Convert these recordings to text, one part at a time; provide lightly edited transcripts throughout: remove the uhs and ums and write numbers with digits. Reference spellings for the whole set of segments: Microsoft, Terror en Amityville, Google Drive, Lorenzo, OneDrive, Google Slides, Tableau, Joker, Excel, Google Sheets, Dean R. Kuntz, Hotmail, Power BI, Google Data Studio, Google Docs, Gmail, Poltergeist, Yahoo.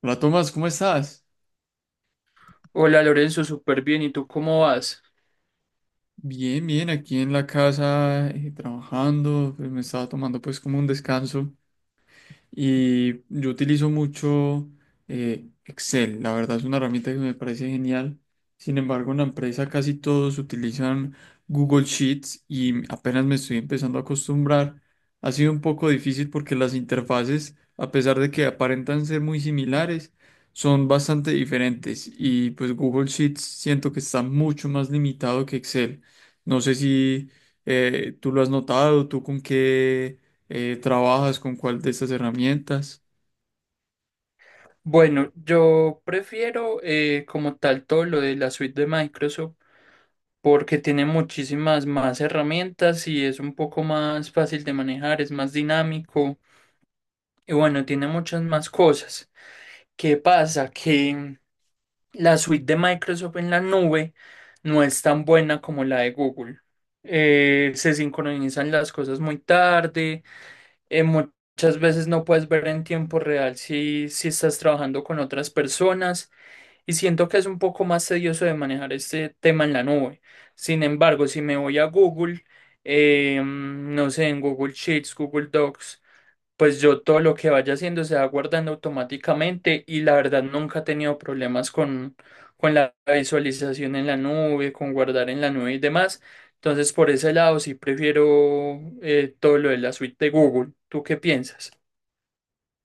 Hola Tomás, ¿cómo estás? Hola Lorenzo, súper bien. ¿Y tú cómo vas? Bien, bien, aquí en la casa trabajando, pues me estaba tomando pues como un descanso. Y yo utilizo mucho Excel, la verdad es una herramienta que me parece genial. Sin embargo, en la empresa casi todos utilizan Google Sheets y apenas me estoy empezando a acostumbrar. Ha sido un poco difícil porque las interfaces, a pesar de que aparentan ser muy similares, son bastante diferentes. Y pues Google Sheets siento que está mucho más limitado que Excel. No sé si tú lo has notado, tú con qué ¿trabajas con cuál de estas herramientas? Bueno, yo prefiero como tal todo lo de la suite de Microsoft porque tiene muchísimas más herramientas y es un poco más fácil de manejar, es más dinámico y bueno, tiene muchas más cosas. ¿Qué pasa? Que la suite de Microsoft en la nube no es tan buena como la de Google. Se sincronizan las cosas muy tarde. Muchas veces no puedes ver en tiempo real si estás trabajando con otras personas y siento que es un poco más tedioso de manejar este tema en la nube. Sin embargo, si me voy a Google, no sé, en Google Sheets, Google Docs, pues yo todo lo que vaya haciendo se va guardando automáticamente y la verdad nunca he tenido problemas con la visualización en la nube, con guardar en la nube y demás. Entonces por ese lado sí prefiero todo lo de la suite de Google. ¿Tú qué piensas?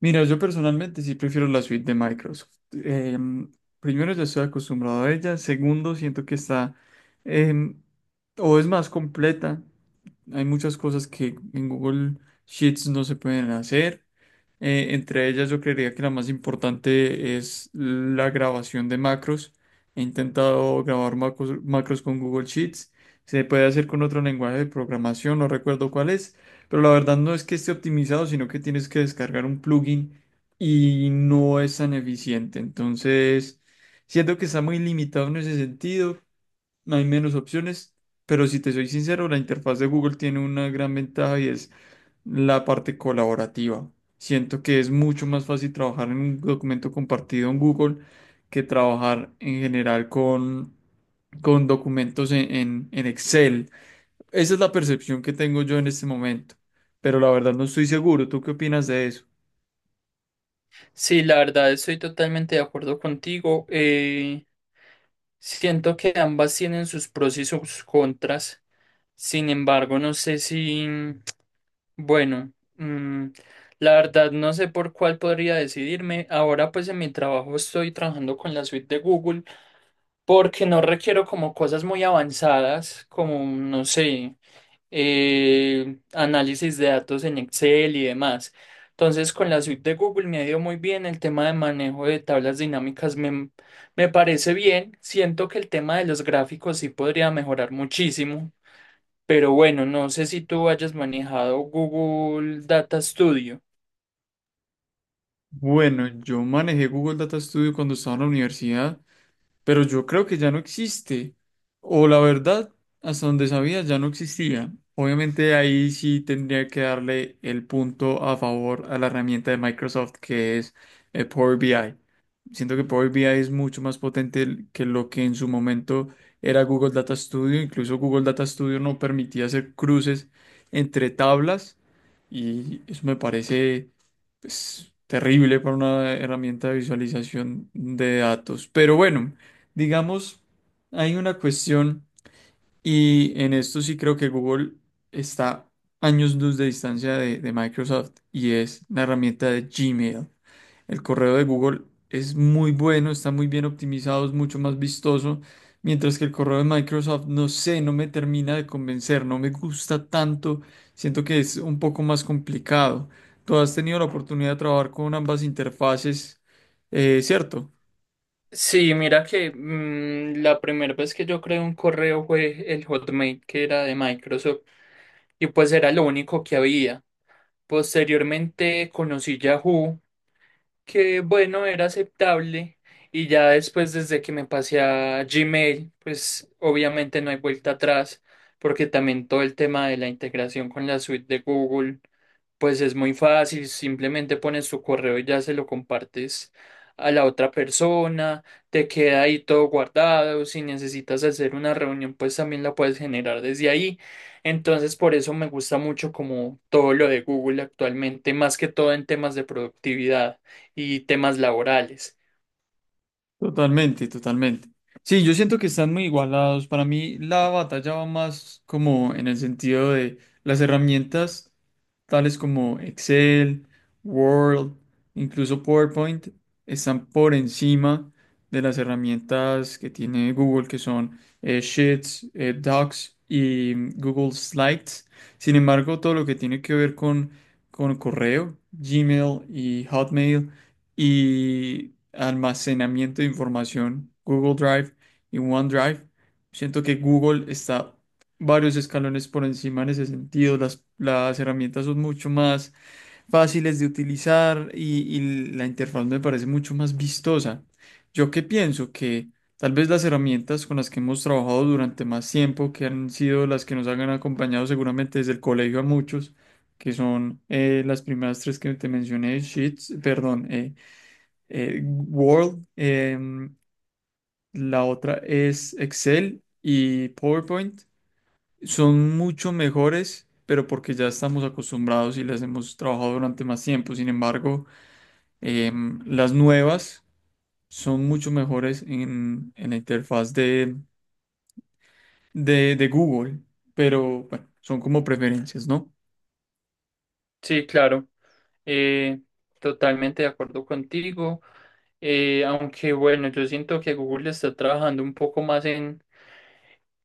Mira, yo personalmente sí prefiero la suite de Microsoft. Primero, ya estoy acostumbrado a ella. Segundo, siento que está em, o es más completa. Hay muchas cosas que en Google Sheets no se pueden hacer. Entre ellas yo creería que la más importante es la grabación de macros. He intentado grabar macros con Google Sheets. Se puede hacer con otro lenguaje de programación, no recuerdo cuál es, pero la verdad no es que esté optimizado, sino que tienes que descargar un plugin y no es tan eficiente. Entonces, siento que está muy limitado en ese sentido, hay menos opciones, pero si te soy sincero, la interfaz de Google tiene una gran ventaja y es la parte colaborativa. Siento que es mucho más fácil trabajar en un documento compartido en Google que trabajar en general con documentos en Excel. Esa es la percepción que tengo yo en este momento, pero la verdad no estoy seguro. ¿Tú qué opinas de eso? Sí, la verdad estoy totalmente de acuerdo contigo. Siento que ambas tienen sus pros y sus contras. Sin embargo, no sé si... Bueno, mm, la verdad no sé por cuál podría decidirme. Ahora pues en mi trabajo estoy trabajando con la suite de Google porque no requiero como cosas muy avanzadas como, no sé, análisis de datos en Excel y demás. Entonces con la suite de Google me ha ido muy bien. El tema de manejo de tablas dinámicas me parece bien. Siento que el tema de los gráficos sí podría mejorar muchísimo, pero bueno, no sé si tú hayas manejado Google Data Studio. Bueno, yo manejé Google Data Studio cuando estaba en la universidad, pero yo creo que ya no existe. O la verdad, hasta donde sabía, ya no existía. Obviamente ahí sí tendría que darle el punto a favor a la herramienta de Microsoft que es Power BI. Siento que Power BI es mucho más potente que lo que en su momento era Google Data Studio. Incluso Google Data Studio no permitía hacer cruces entre tablas y eso me parece pues, terrible para una herramienta de visualización de datos. Pero bueno. Digamos, hay una cuestión y en esto sí creo que Google está años luz de distancia de Microsoft y es la herramienta de Gmail. El correo de Google es muy bueno, está muy bien optimizado, es mucho más vistoso, mientras que el correo de Microsoft, no sé, no me termina de convencer, no me gusta tanto, siento que es un poco más complicado. ¿Tú has tenido la oportunidad de trabajar con ambas interfaces, cierto? Sí, mira que mm, la primera vez que yo creé un correo fue el Hotmail, que era de Microsoft, y pues era lo único que había. Posteriormente conocí Yahoo, que bueno, era aceptable, y ya después desde que me pasé a Gmail, pues obviamente no hay vuelta atrás porque también todo el tema de la integración con la suite de Google, pues es muy fácil, simplemente pones tu correo y ya se lo compartes a la otra persona, te queda ahí todo guardado, si necesitas hacer una reunión, pues también la puedes generar desde ahí. Entonces, por eso me gusta mucho como todo lo de Google actualmente, más que todo en temas de productividad y temas laborales. Totalmente, totalmente. Sí, yo siento que están muy igualados. Para mí la batalla va más como en el sentido de las herramientas tales como Excel, Word, incluso PowerPoint, están por encima de las herramientas que tiene Google, que son Sheets, Docs y Google Slides. Sin embargo, todo lo que tiene que ver con correo, Gmail y Hotmail y almacenamiento de información, Google Drive y OneDrive. Siento que Google está varios escalones por encima en ese sentido. Las herramientas son mucho más fáciles de utilizar y la interfaz me parece mucho más vistosa. Yo que pienso que tal vez las herramientas con las que hemos trabajado durante más tiempo, que han sido las que nos han acompañado seguramente desde el colegio a muchos, que son las primeras tres que te mencioné, Sheets, perdón, eh, Word, la otra es Excel y PowerPoint. Son mucho mejores, pero porque ya estamos acostumbrados y las hemos trabajado durante más tiempo. Sin embargo, las nuevas son mucho mejores en la interfaz de Google, pero bueno, son como preferencias, ¿no? Sí, claro, eh, totalmente de acuerdo contigo. Aunque bueno, yo siento que Google está trabajando un poco más en,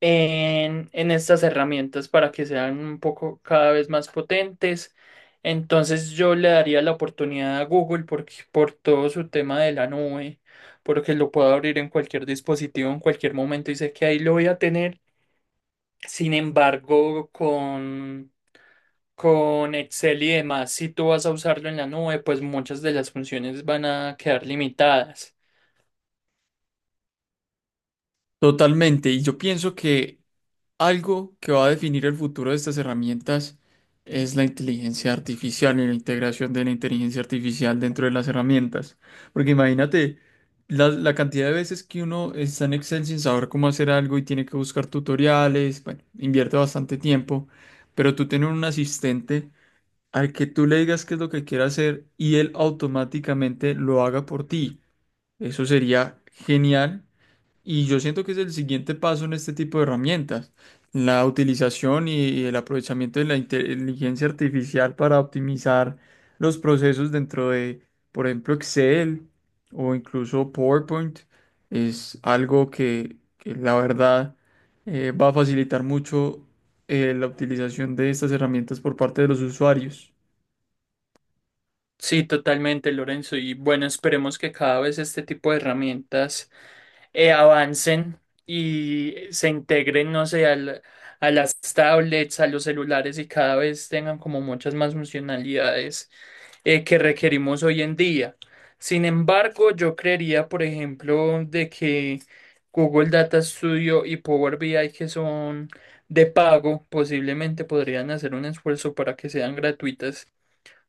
en, en estas herramientas para que sean un poco cada vez más potentes. Entonces yo le daría la oportunidad a Google porque, por todo su tema de la nube, porque lo puedo abrir en cualquier dispositivo en cualquier momento y sé que ahí lo voy a tener. Sin embargo, con Excel y demás, si tú vas a usarlo en la nube, pues muchas de las funciones van a quedar limitadas. Totalmente. Y yo pienso que algo que va a definir el futuro de estas herramientas es la inteligencia artificial y la integración de la inteligencia artificial dentro de las herramientas. Porque imagínate la cantidad de veces que uno está en Excel sin saber cómo hacer algo y tiene que buscar tutoriales, bueno, invierte bastante tiempo, pero tú tienes un asistente al que tú le digas qué es lo que quiere hacer y él automáticamente lo haga por ti. Eso sería genial y yo siento que es el siguiente paso en este tipo de herramientas, la utilización y el aprovechamiento de la inteligencia artificial para optimizar los procesos dentro de, por ejemplo, Excel o incluso PowerPoint, es algo que la verdad va a facilitar mucho la utilización de estas herramientas por parte de los usuarios. Sí, totalmente, Lorenzo. Y bueno, esperemos que cada vez este tipo de herramientas avancen y se integren, no sé, a las tablets, a los celulares y cada vez tengan como muchas más funcionalidades que requerimos hoy en día. Sin embargo, yo creería, por ejemplo, de que Google Data Studio y Power BI, que son de pago, posiblemente podrían hacer un esfuerzo para que sean gratuitas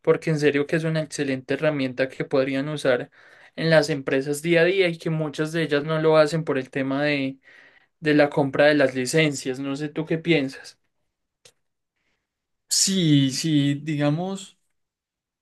porque en serio que es una excelente herramienta que podrían usar en las empresas día a día y que muchas de ellas no lo hacen por el tema de la compra de las licencias. No sé tú qué piensas. Sí, sí, digamos.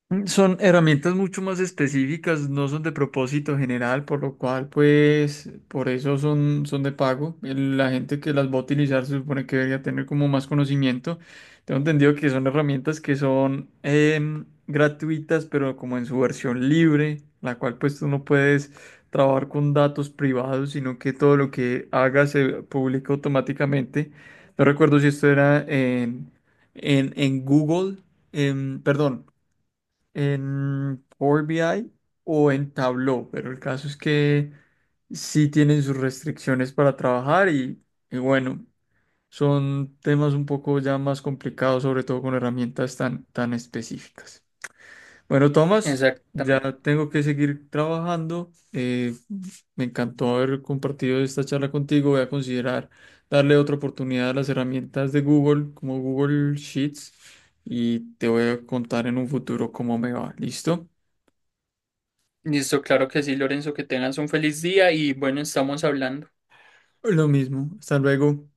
Son herramientas mucho más específicas, no son de propósito general, por lo cual, pues, por eso son de pago. El- La gente que las va a utilizar se supone que debería tener como más conocimiento. Tengo entendido que son herramientas que son gratuitas, pero como en su versión libre, la cual pues tú no puedes trabajar con datos privados, sino que todo lo que hagas se publica automáticamente. No recuerdo si esto era en Google, perdón en Power BI o en Tableau, pero el caso es que sí tienen sus restricciones para trabajar y bueno, son temas un poco ya más complicados, sobre todo con herramientas tan específicas. Bueno, Tomás, ya Exactamente. tengo que seguir trabajando. Me encantó haber compartido esta charla contigo. Voy a considerar darle otra oportunidad a las herramientas de Google, como Google Sheets, y te voy a contar en un futuro cómo me va. ¿Listo? Listo, claro que sí, Lorenzo, que tengas un feliz día y bueno, estamos hablando. Lo mismo. Hasta luego.